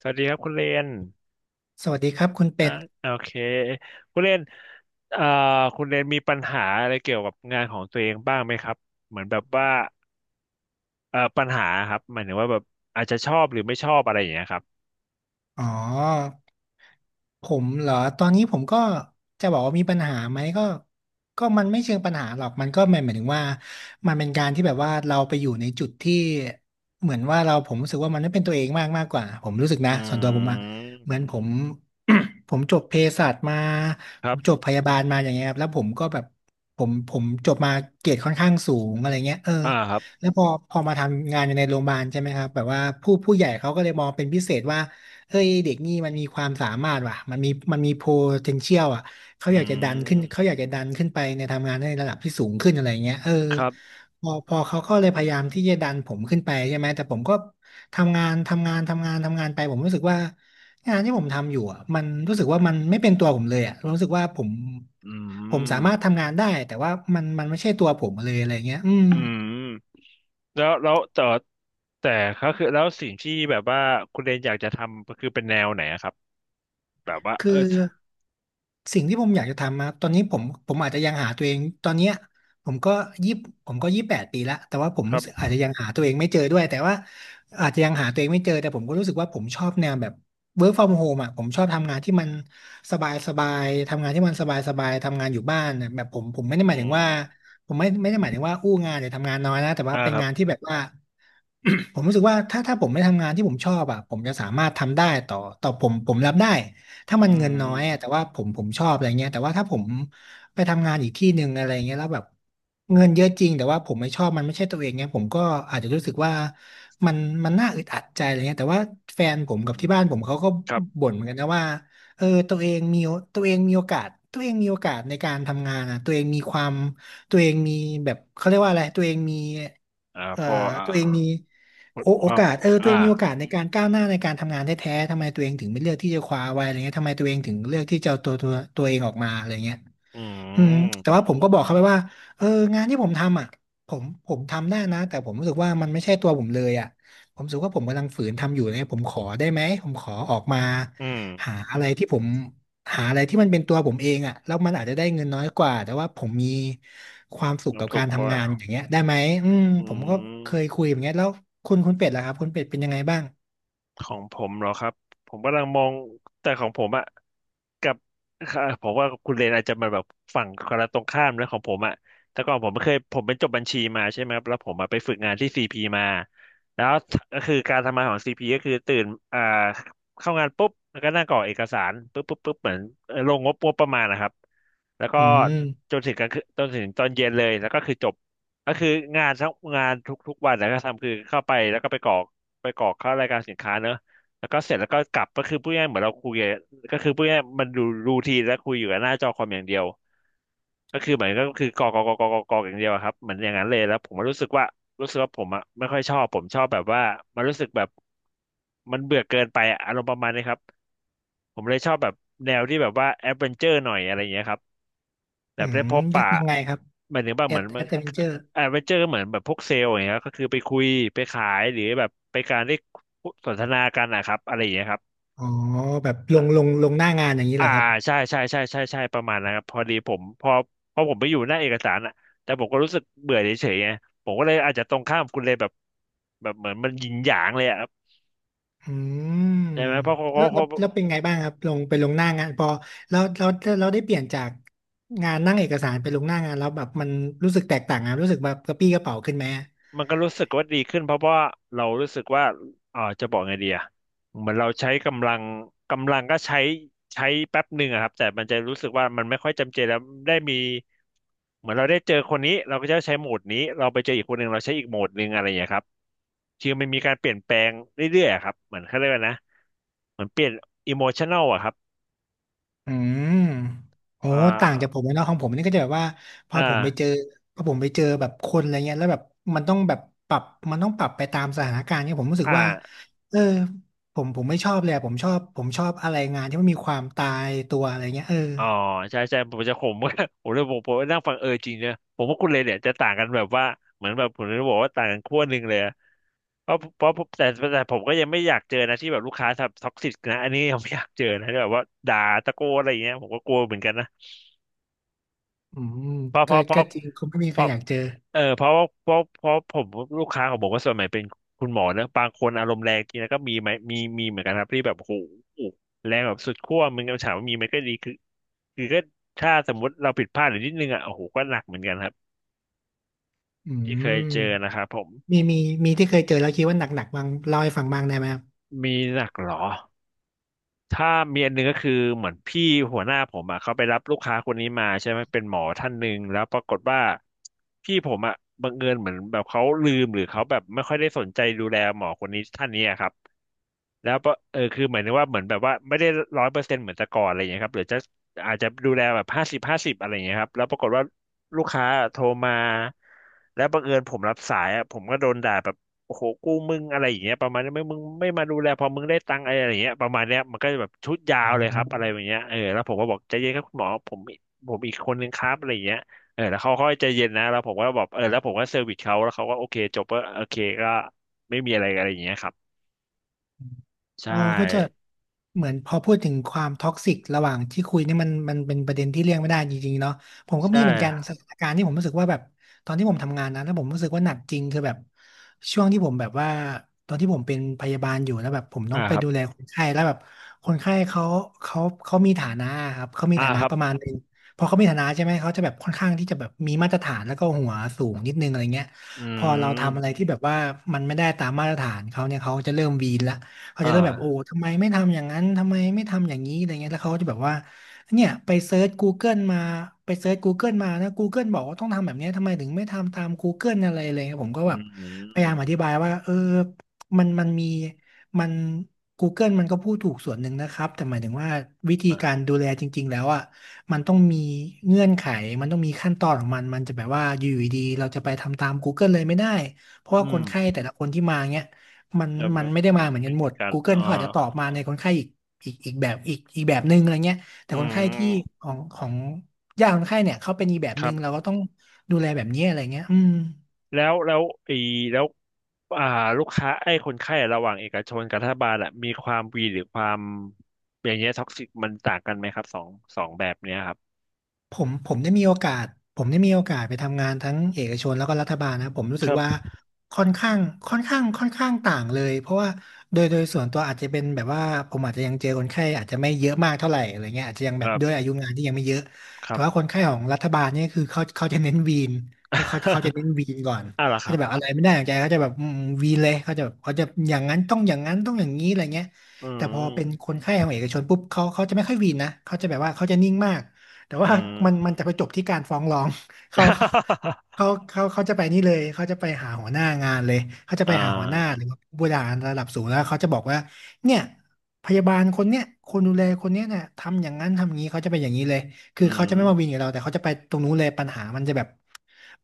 สวัสดีครับคุณเลนสวัสดีครับคุณอ่าเป็ด โอเคคุณเลนเอ่อคุณเลนมีปัญหาอะไรเกี่ยวกับงานของตัวเองบ้างไหมครับเหมือนแบบว่าปัญหาครับหมายถึงว่าแบบอาจจะชอบหรือไม่ชอบอะไรอย่างเงี้ยครับอ๋อผมเหรอตอนนี้ผมก็จะบอกว่ามีปัญหาไหมก็มันไม่เชิงปัญหาหรอกมันก็หมายถึงว่ามันเป็นการที่แบบว่าเราไปอยู่ในจุดที่เหมือนว่าเราผมรู้สึกว่ามันไม่เป็นตัวเองมากมากกว่าผมรู้สึกอืนะส่วนตัวผมอะเหมือนมผม ผมจบเภสัชมาคผรัมจบบพยาบาลมาอย่างเงี้ยครับแล้วผมก็แบบผมจบมาเกรดค่อนข้างสูงอะไรเงี้ยเอออ่าครับแล้วพอมาทำงานอยู่ในโรงพยาบาลใช่ไหมครับแบบว่าผู้ใหญ่เขาก็เลยมองเป็นพิเศษว่า เฮ้ยเด็กนี่มันมีความสามารถว่ะมันมี potential อ่ะเขาอือยากจะดันขึ้นเขามอยากจะดันขึ้นไปในทำงานในระดับที่สูงขึ้นอะไรเงี้ยเออครับพอเขาก็เลยพยายามที่จะดันผมขึ้นไปใช่ไหมแต่ผมก็ทำงานทำงานทำงานทำงานไปผมรู้สึกว่างานที่ผมทำอยู่อ่ะมันรู้สึกว่ามันไม่เป็นตัวผมเลยอ่ะรู้สึกว่าผมอืผมมสามารถทำงานได้แต่ว่ามันไม่ใช่ตัวผมเลยอะไรเงี้ยอืม อืมแล้วแต่ก็คือแล้วสิ่งที่แบบว่าคุณเลนอยากจะทำก็คือเป็นแนวไหนอะครับแบบว่าคือเออสิ่งที่ผมอยากจะทำมาตอนนี้ผมอาจจะยังหาตัวเองตอนเนี้ยผมก็ยี่ผมก็28 ปีละแต่ว่าผมครัรู้บสึกอาจจะยังหาตัวเองไม่เจอด้วยแต่ว่าอาจจะยังหาตัวเองไม่เจอแต่ผมก็รู้สึกว่าผมชอบแนวแบบ work from home อ่ะผมชอบทำงานที่มันสบายสบายทำงานที่มันสบายสบายทำงานอยู่บ้านน่ะแบบผมไม่ได้อืหมายถึงมว่าผมไม่ได้หมายถึงว่าอู้งานหรือทำงานน้อยนะแต่ว่าอ่าเป็นครับงานที่แบบว่า ผมรู้สึกว่าถ้าผมไม่ทำงานที่ผมชอบอ่ะผมจะสามารถทำได้ต่อผมรับได้ถ้ามัอืนเงินมน้อยอะแต่ว่าผมชอบอะไรเงี้ยแต่ว่าถ้าผมไปทำงานอีกที่หนึ่งอะไรเงี้ยแล้วแบบเงินเยอะจริงแต่ว่าผมไม่ชอบมันไม่ใช่ตัวเองเงี้ยผมก็อาจจะรู้สึกว่ามันน่าอึดอัดใจอะไรเงี้ยแต่ว่าแฟนผอืมกับมที่บ้านผมเขาก็ครับ บ่นเหมือนกันนะว่าเออตัวเองมีโอกาสตัวเองมีโอกาสในการทำงานนะตัวเองมีความ ตัวเองมีแบบเขาเรียกว่าอะไรตัวเองมีอ่าเอ่อพออ่าตัวเองมีคโอวามกาสเออตัวเออ่างมีโอกาสในการก้าวหน้าในการทำงานแท้ๆทำไมตัวเองถึงไม่เลือกที่จะคว้าไว้อะไรเงี้ยทำไมตัวเองถึงเลือกที่จะเอาตัวเองออกมาอะไรเงี้ย อือืมแต่ว่ามผมก็บอกเขาไปว่าเอองานที่ผมทำอ่ะผมทำได้นะแต่ผมรู้สึกว่ามันไม่ใช่ตัวผมเลยอ่ะผมรู้สึกว่าผมกำลังฝืนทำอยู่เนี่ยผมขอได้ไหมผมขอออกมาอืมหาอะไรที่ผมหาอะไรที่มันเป็นตัวผมเองอ่ะแล้วมันอาจจะได้เงินน้อยกว่าแต่ว่าผมมีความสุขกับน้ำตกากรว่าทำงานอย่างเงี้ยได้ไหมอืมอืผมก็เคยม คุยอย่างเงี้ยแล้วคุณเป็ดล่ะครับคุณเป็ดเป็นยังไงบ้างของผมเหรอครับผมกำลังมองแต่ของผมอะกับค่ะผมว่าคุณเรนอาจจะมาแบบฝั่งคนละตรงข้ามแล้วของผมอะแต่ก่อนผมไม่เคยผมเป็นจบบัญชีมาใช่ไหมครับแล้วผมมาไปฝึกงานที่ซีพีมาแล้วก็คือการทำงานของซีพีก็คือตื่นอ่าเข้างานปุ๊บแล้วก็นั่งกรอกเอกสารปุ๊บปุ๊บปุ๊บเหมือนลงงบประมาณนะครับแล้วก็อืมจนถึงกลางคืนจนถึงตอนเย็นเลยแล้วก็คือจบก็คืองานทั้งงานทุกๆวันแล้วก็ทำคือเข้าไปแล้วก็ไปกรอก ไปกรอกเข้ารายการสินค้าเนอะแล้วก็เสร็จแล้วก็กลับก็คือพูดง่ายๆเหมือนเราคุยอะก็คือพูดง่ายๆมันดูรูทีนและคุยอยู่กับหน้าจอคอมอย่างเดียวก็คือเหมือนก็คือกรอกกรอกกรอกกรอกกรอกอย่างเดียวอะครับเหมือนอย่างนั้นเลยแล้วผมก็รู้สึกว่ารู้สึกว่าผมอะไม่ค่อยชอบผมชอบแบบว่ามันรู้สึกแบบมันเบื่อเกินไปอะอารมณ์ประมาณนี้ครับ ผมเลยชอบแบบแนวที่แบบว่าแอดเวนเจอร์หน่อยอะไรอย่างเงี้ยครับแบอืบได้มพบปะยังไงครับหมายถึงว่าเหมือนแอดเวนเจอร์แอดเวนเจอร์เหมือนแบบพวกเซลล์อย่างเงี้ยก็คือไปคุยไปขายหรือแบบไปการได้สนทนากันนะครับอะไรอย่างเงี้ยครับอ๋อแบบอ่ะลงหน้างานอย่างนี้แหอ่าละครับ ใช่ใช่ใช่ใช่ใช่ประมาณนะครับพอดีผมพอผมไปอยู่หน้าเอกสารอะแต่ผมก็รู้สึกเบื่อเฉยๆไงผมก็เลยอาจจะตรงข้ามคุณเลยแบบแบบเหมือนมันหยินหยางเลยอะครับอืมใช่ไหมเพราะเขาเขาเขา แล้วเป็นไงบ้างครับลงไปลงหน้างานพอแล้วแล้วเราได้เปลี่ยนจากงานนั่งเอกสารไปลงหน้างานแล้วแบบมันรู้สึกแตกต่างอะรู้สึกแบบกระปี้กระเป๋าขึ้นไหมมันก็รู้สึกว่าดีขึ้นเพราะว่าเรารู้สึกว่าเออจะบอกไงดีอะเหมือนเราใช้กำลังกำลังก็ใช้ใช้แป๊บหนึ่งอะครับแต่มันจะรู้สึกว่ามันไม่ค่อยจำเจแล้วได้มีเหมือนเราได้เจอคนนี้เราก็จะใช้โหมดนี้เราไปเจออีกคนหนึ่งเราใช้อีกโหมดหนึ่งอะไรอย่างเงี้ยครับคือมันมีการเปลี่ยนแปลงเรื่อยๆอะครับเหมือนเขาเรียกว่านะเหมือนเปลี่ยนอิโมชันแนลอะครับอืมโอ้อ่ต่างจากาผมเลยเนาะของผมนี่ก็จะแบบว่าพออ่าผมไปเจอพอผมไปเจอแบบคนอะไรเงี้ยแล้วแบบมันต้องแบบปรับมันต้องปรับไปตามสถานการณ์เนี่ยผมรู้สึกว่าอ่า เออผมไม่ชอบเลยอะผมชอบผมชอบอะไรงานที่มันมีความตายตัวอะไรเงี้ยเอออ๋อใช่ใช่ผมจะขม ว่าผมเลยบอกผมนั่งฟังเออจริงเนี่ยผมว่าคุณเลยเนี่ยจะต่างกันแบบว่าเหมือนแบบผมจะบอกว่าต่างกันขั้วหนึ่งเลยอะเพราะแต่ผมก็ยังไม่อยากเจอนะที่แบบลูกค้าท็อกซิกนะอันนี้ยังไม่อยากเจอนะที่แบบว่าด่าตะโกนอะไรอย่างเงี้ยผมก็กลัวเหมือนกันนะอืมเพราะเพก็ราะเพก็ราะจริงคงไม่มีเพใครราะอยากเจอ เออเพราะว่าเพราะผมลูกค้าของผมก็ส่วนใหญ่เป็นคุณหมอนะบางคนอารมณ์แรงจริงนะก็มีไหมมีเหมือนกันครับที่แบบโอ้โหแรงแบบสุดขั้วมึงก็ถามว่ามีไหมก็ดีคือ ก็ถ้าสมมุติเราผิดพลาดหรือนิดนึงอ่ะโอ้โหก็หนักเหมือนกันครับอืที่เคยเจอมนะครับผมมีมีมีที่เคยเจอแล้วคิดว่าหนักๆบ้างเล่าให้ฟังบ้างได้ไหมครับมีหนักเหรอถ้ามีอันหนึงก็คือเหมือนพี่หัวหน้าผมอ่ะเขาไปรับลูกค้าคนนี้มาใช่ไหมเป็นหมอท่านหนึ่งแล้วปรากฏว่าพี่ผมอ่ะบังเอิญเหมือนแบบเขาลืมหรือเขาแบบไม่ค่อยได้สนใจดูแลหมอคนนี้ท่านนี้อะครับ แล้วก็คือหมายถึงว่าเหมือนแบบว่าไม่ได้ร้อยเปอร์เซ็นต์เหมือนแต่ก่อนอะไรอย่างเงี้ยครับหรือจะอาจจะดูแลแบบห้าสิบห้าสิบอะไรอย่างเงี้ยครับแล้วปรากฏว่าลูกค้าโทรมาแล้วบังเอิญผมรับสายอ่ะผมก็โดนด่าแบบโอ้โหกูมึงอะไรอย่างเงี้ยประมาณนี้ไม่มึงไม่มาดูแลพอมึงได้ตังค์อะไรอย่างเงี้ยประมาณเนี้ยมันก็จะแบบชุดยาอ๋อ วเลยครับอะไรอย่างเงี้ยแล้วผมก็บอกใจเย็นครับคุณหมอผมผมอีกคนนึงครับอะไรอย่างเงี้ยแล้วเขาค่อยใจเย็นนะแล้วผมก็บอกแล้วผมก็เซอร์วิสเขาแล้วเขาก็โอเคจบก็โอเคก็ไม่มีอะไรอะไรอย่างเงี้ยครับเอใช่ อก็จะเหมือนพอพูดถึงความท็อกซิกระหว่างที่คุยเนี่ยมันเป็นประเด็นที่เลี่ยงไม่ได้จริงๆเนาะผมก็ใช่มีเหมือนกันสถานการณ์ที่ผมรู้สึกว่าแบบตอนที่ผมทำงานนะแล้วผมรู้สึกว่าหนักจริงคือแบบช่วงที่ผมแบบว่าตอนที่ผมเป็นพยาบาลอยู่แล้วแบบผมต้อ่าองไปครับดูแลคนไข้แล้วแบบคนไข้เขาเขามีฐานะครับเขามีอ่าฐานะครับประมาณนึงพอเขามีฐานะใช่ไหมเขาจะแบบค่อนข้างที่จะแบบมีมาตรฐานแล้วก็หัวสูงนิดนึงอะไรเงี้ยอืพอเราทำอะไรมที่แบบว่ามันไม่ได้ตามมาตรฐานเขาเนี่ยเขาจะเริ่มวีนละ เขาจะเริ่มแบบโอ้อ่าทำไมไม่ทำอย่างนั้นทำไมไม่ทำอย่างนี้อะไรเงี้ยแล้วเขาก็จะแบบว่าเนี่ยไปเซิร์ช Google มาไปเซิร์ช Google มานะ Google บอกว่าต้องทำแบบเนี้ยทำไมถึงไม่ทำตาม Google อะไรเลยผมก็อืแบบพยายามอมธิบายว่าเออมันมีมัน Google มันก็พูดถูกส่วนหนึ่งนะครับแต่หมายถึงว่าวิธีอ่กาารดูแลจริงๆแล้วอ่ะมันต้องมีเงื่อนไขมันต้องมีขั้นตอนของมันมันจะแบบว่าอยู่ดีๆเราจะไปทำตาม Google เลยไม่ได้เพราะว่าอืคมนไข้แต่ละคนที่มาเงี้ย มันจะมัไม่นไม่ได้มาเหมือนกัไม่นหมด การ Google เขาอาจจะตอบมาในคนไข้อีกแบบหนึ่งอะไรเงี้ยแต่อืคนไข้ที่มของญาติคนไข้เนี่ยเขาเป็นอีกแบบคหรันึ่บงเราก็ต้องดูแลแบบนี้อะไรเงี้ยอืม แล้วแล้วไอีแล้วอ่าลูกค้าไอ้คนไข้ระหว่างเอกชนกับรัฐบาลอะมีความวีหรือความอย่างเงี้ยท็อกซิกมันต่างกันไหมครับสองแบบเนี้ยครับผมได้มีโอกาสผมได้มีโอกาสไปทำงานทั้งเอกชนแล้วก็รัฐบาลนะผมรู้คสึกรับว่าค่อนข้างค่อนข้างค่อนข้างต่างเลยเพราะว่าโดยส่วนตัวอาจจะเป็นแบบว่าผมอาจจะยังเจอคนไข้อาจจะไม่เยอะมากเท่าไหร่อะไรเงี้ยอาจจะยังแบบด้วยอายุงานที่ยังไม่เยอะครัแต่บ ว่าคนไข้ของรัฐบาลเนี่ยคือเขาจะเน้นวีนครับ เขาจะเน้นวีนก่อน อ่าล่ะคเขารัจะแบบบอะไรไม่ได้อย่างใจเขาจะแบบวีนเลยเขาจะแบบเขาจะอย่างนั้นต้องอย่างนั้นต้องอย่างนี้อะไรเงี้ยอืแต่พอเป็นมคนไข้ของเอกชนปุ๊บเขาจะไม่ค่อยวีนนะเขาจะแบบว่าเขาจะนิ่งมาก แต่อืว่า ม มันจะไปจบที่การฟ้องร้อง เขา เขาจะไปนี่เลยเขาจะไปหาหัวหน้างานเลยเขาจะอ่ไปหาหัวหน้าาหรือว่าผู้บริหารระดับสูงแล้วเขาจะบอกว่าเนี่ยพยาบาลคนเนี้ยคนดูแลคนเนี้ยเนี่ยทำอย่างนั้นทำอย่างนี้เขาจะไปอย่างนี้เลยคืออืเขามจะไม่มาวินกับเราแต่เขาจะไปตรงนู้นเลยปัญหามันจะแบบ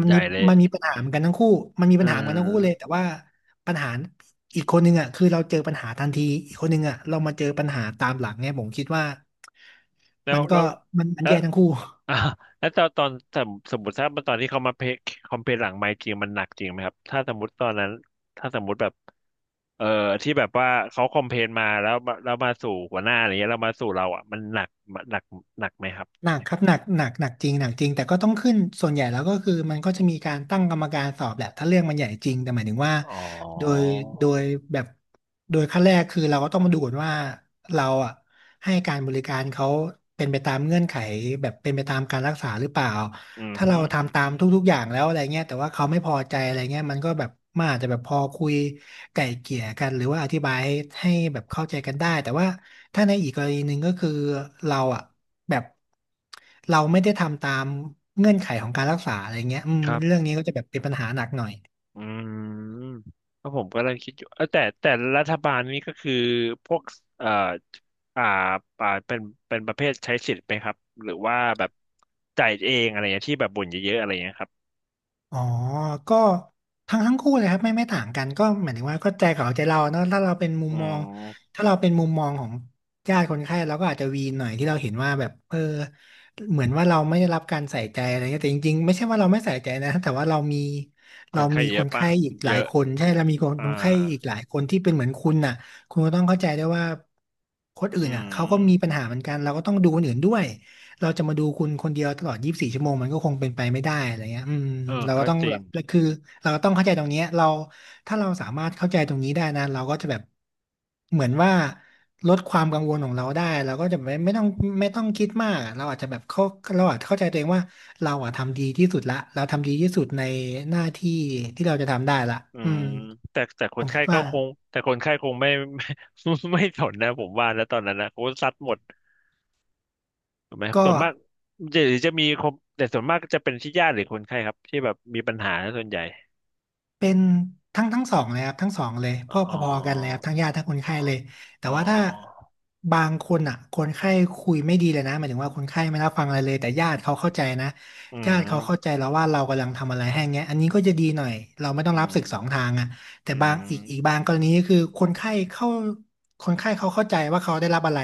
มันใหญ่มีเลยมันมีปัญหาเหมือนกันทั้งคู่มันมีอืปัญหาเหมือนกันทั้งคู่เลยแต่ม ว่า ปัญหาอีกคนนึงอ่ะคือเราเจอปัญหาทันทีอีกคนนึงอ่ะเรามาเจอปัญหาตามหลังเนี่ยผมคิดว่าแล้มัวนก็แล้วมันมันแล้ว แย่ทั้งคู่ อ่าแล้วตอนสมมติถ้าตอนที่เขามาเพคคอมเพลหลังไมค์จริงมันหนักจริงไหมครับถ้าสมมติตอนนั้นถ้าสมมติแบบเอ่อที่แบบว่าเขาคอมเพลมาแล้วมาสู่หัวหน้าอะไรเงี้ยแล้วมาสู่เราอ่ะมันหนักหนักไหมครับหนักครับหนักหนักหนักจริงหนักจริงแต่ก็ต้องขึ้นส่วนใหญ่แล้วก็คือมันก็จะมีการตั้งกรรมการสอบแหละถ้าเรื่องมันใหญ่จริงแต่หมายถึงว่าอ๋อโดยโดยแบบโดยขั้นแรกคือเราก็ต้องมาดูก่อนว่าเราอ่ะให้การบริการเขาเป็นไปตามเงื่อนไขแบบเป็นไปตามการรักษาหรือเปล่า อือถ้าฮึเราทำตามทุกๆอย่างแล้วอะไรเงี้ยแต่ว่าเขาไม่พอใจอะไรเงี้ยมันก็แบบมันอาจจะแบบพอคุยไก่เกลี่ยกันหรือว่าอธิบายให้แบบเข้าใจกันได้แต่ว่าถ้าในอีกกรณีหนึ่งก็คือเราอ่ะแบบเราไม่ได้ทำตามเงื่อนไขของการรักษาอะไรเงี้ยอืมครัเรื่องบ นี้ก็จะแบบเป็นปัญหาหนักหน่อย อืมก็ผมเลยคิดอยู่เออแต่รัฐบาลนี้ก็คือพวกเอ่ออ่าเป็นประเภทใช้สิทธิ์ไหมครับหรือว่าแบบจ่ายเองอะไรเงี้ยที่แบบบ่นเยอะๆอะไรเงี้ยครับอ๋อก็ทั้งคู่เลยครับไม่ต่างกันก็หมายถึงว่าก็ใจเขาใจเราเนอะถ้าเราเป็นมุมอืมองมถ้าเราเป็นมุมมองของญาติคนไข้เราก็อาจจะวีนหน่อยที่เราเห็นว่าแบบเออเหมือนว่าเราไม่ได้รับการใส่ใจอะไรเงี้ยแต่จริงๆไม่ใช่ว่าเราไม่ใส่ใจนะแต่ว่าเรามีคเรานไข้มีเยคอะนปะไข้อีกหเยลายอะคนใช่เรามีคนอ่าคนไข้อีกหลายคนที่เป็นเหมือนคุณน่ะคุณก็ต้องเข้าใจด้วยว่าคนอื่อืนอ่ะมเขาก็มีปัญหาเหมือนกันเราก็ต้องดูคนอื่นด้วย เราจะมาดูคุณคนเดียวตลอด24ชั่วโมงมันก็คงเป็นไปไม่ได้อะไรเงี้ยอืมเออเราก็ก็ต้องจริแบงบคือเราก็ต้องเข้าใจตรงเนี้ยเราถ้าเราสามารถเข้าใจตรงนี้ได้นะเราก็จะแบบเหมือนว่าลดความกังวลของเราได้เราก็จะไม่ต้องคิดมากเราอาจจะแบบเข้าเราอาจเข้าใจตัวเองว่าเราอะทำดีที่สุดละเราทำดีที่สุดในหน้าที่ที่เราจะทำได้ละอือืมมแต่คผนมไข้คิดก็ว่าคงแต่คนไข้คงไม่ ไม่ไม่สนนะผมว่าแล้วตอนนั้นนะเขาซัดหมด ถูกไหมส่ก็ วนมากจะหรือจะมีคนแต่ส่วนมากก็จะเป็นที่ญาติหรือคนไข้ครับที่แบบมีปัญหาส่วนใหญ่เป็นทั้งสองเลยครับทั้งสองเลยพ่ออ๋อพอๆกันเลยครับทั้งญาติทั้งคนไข้เลยแต่อ๋อว่าถ้าอบางคนอ่ะคนไข้คุยไม่ดีเลยนะหมายถึงว่าคนไข้ไม่รับฟังอะไรเลยแต่ญาติเขาเข้าใจนะืญาติเขาเข้ามใจแล้วว่าเรากำลังทำอะไรให้เงี้ยอันนี้ก็จะดีหน่อยเราไม่ต้ออืงรับศึมกสองทางอ่ะแต่อืบางอีกมบางกรณีก็คือคนไข้เข้าคนไข้เขาเข้าใจว่าเขาได้รับอะไร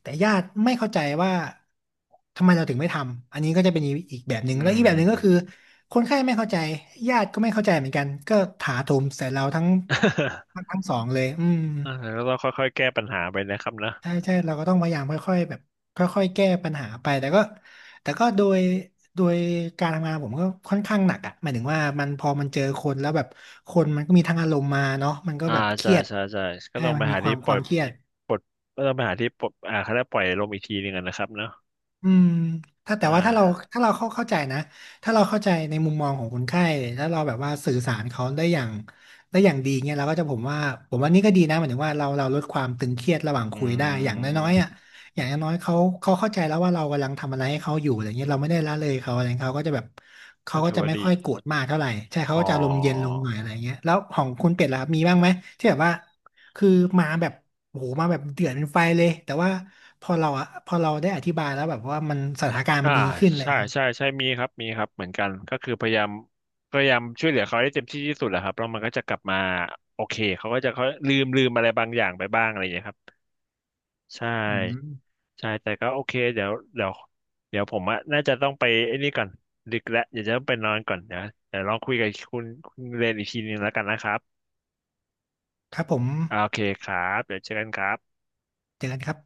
แต่ญาติไม่เข้าใจว่าทำไมเราถึงไม่ทำ อันนี้ก็จะเป็นอีกแบบหนึ่งอืแล้วอีม กแบบหนึ่งก็คือคนไข้ไม่เข้าใจญาติก็ไม่เข้าใจเหมือนกันก็ถาโถมใส่เราทั้งทั้ง ทั้งสองเลยอืมอ่ะ แล้วก็ต้องค่อยๆแก้ปัญหาไปนะครับนะใช่ใช่เราก็ต้องพยายามค่อยๆแบบค่อยๆแก้ปัญหาไปแต่ก็แต่ก็โดยการทำงานผมก็ค่อนข้างหนักอ่ะหมายถึงว่ามันพอมันเจอคนแล้วแบบคนมันก็มีทั้งอารมณ์มาเนาะมันก็อ่าแบบเคใช่รียดใช่ใช่ก็ใช่ต้องมัไปนมีหาคที่วามปคล่อวายมเครียด ปลดก็ต้องไปหาที่ปลดเขาได้ปล่อยลมอีกทีหนึ่งอะนะครับเนาะอืมถ้าแต่อ่ว่าถ้าเราาถ้าเราเข้าใจนะ ถ้าเราเข้าใจในมุมมองของคนไข้ถ้าเราแบบว่าสื่อสารเขาได้อย่างได้อย่างดีเนี่ยเราก็จะผมว่าผมว่านี่ก็ดีนะหมายถึงว่าเราเราลดความตึงเครียดระหว่างอืคุยได้อย่างน้อยๆอ่ะมอย่างน้อยๆเขาเขาเข้าใจแล้วว่าเรากำลังทำอะไรให้เขาอยู่อะไรเงี้ยเราไม่ได้ละเลยเขาอะไรเงี้ยเขาก็จะแบบก็เขาก็ถือจะว่าไม่ดีค่อยโกรธมากเท่าไหร่ใช่เขาอ๋อ ก็จะอารมณ์เย็นลงหน่อยอะไรเงี้ยแล้วของคุณเป็ดล่ะครับมีบ้างไหมที่แบบว่าคือมาแบบ โอ้โหมาแบบเดือดเป็นไฟเลยแต่ว่าพอเราอะพอเราได้อธิบายแล้วแบบว่ามันสถานการณ์อ่ามันดีขึ้นอะไรอใช่ย่างเลยใช่ใช่มีครับมีครับเหมือนกันก็คือพยายามพยายามช่วยเหลือเขาให้เต็มที่ที่สุดแหละครับแล้วมันก็จะกลับมาโอเคเขาก็จะเขาลืมอะไรบางอย่างไปบ้างอะไรอย่างเงี้ยครับใช่อืมใช่แต่ก็โอเคเดี๋ยวผมอะน่าจะต้องไปไอ้นี่ก่อนดึกแล้วเดี๋ยวจะต้องไปนอนก่อนเดี๋ยวลองคุยกับคุณเรนอีกทีนึงแล้วกันนะครับครับผมอ่าโอเคครับเดี๋ยวเจอกันครับเจอกันครับ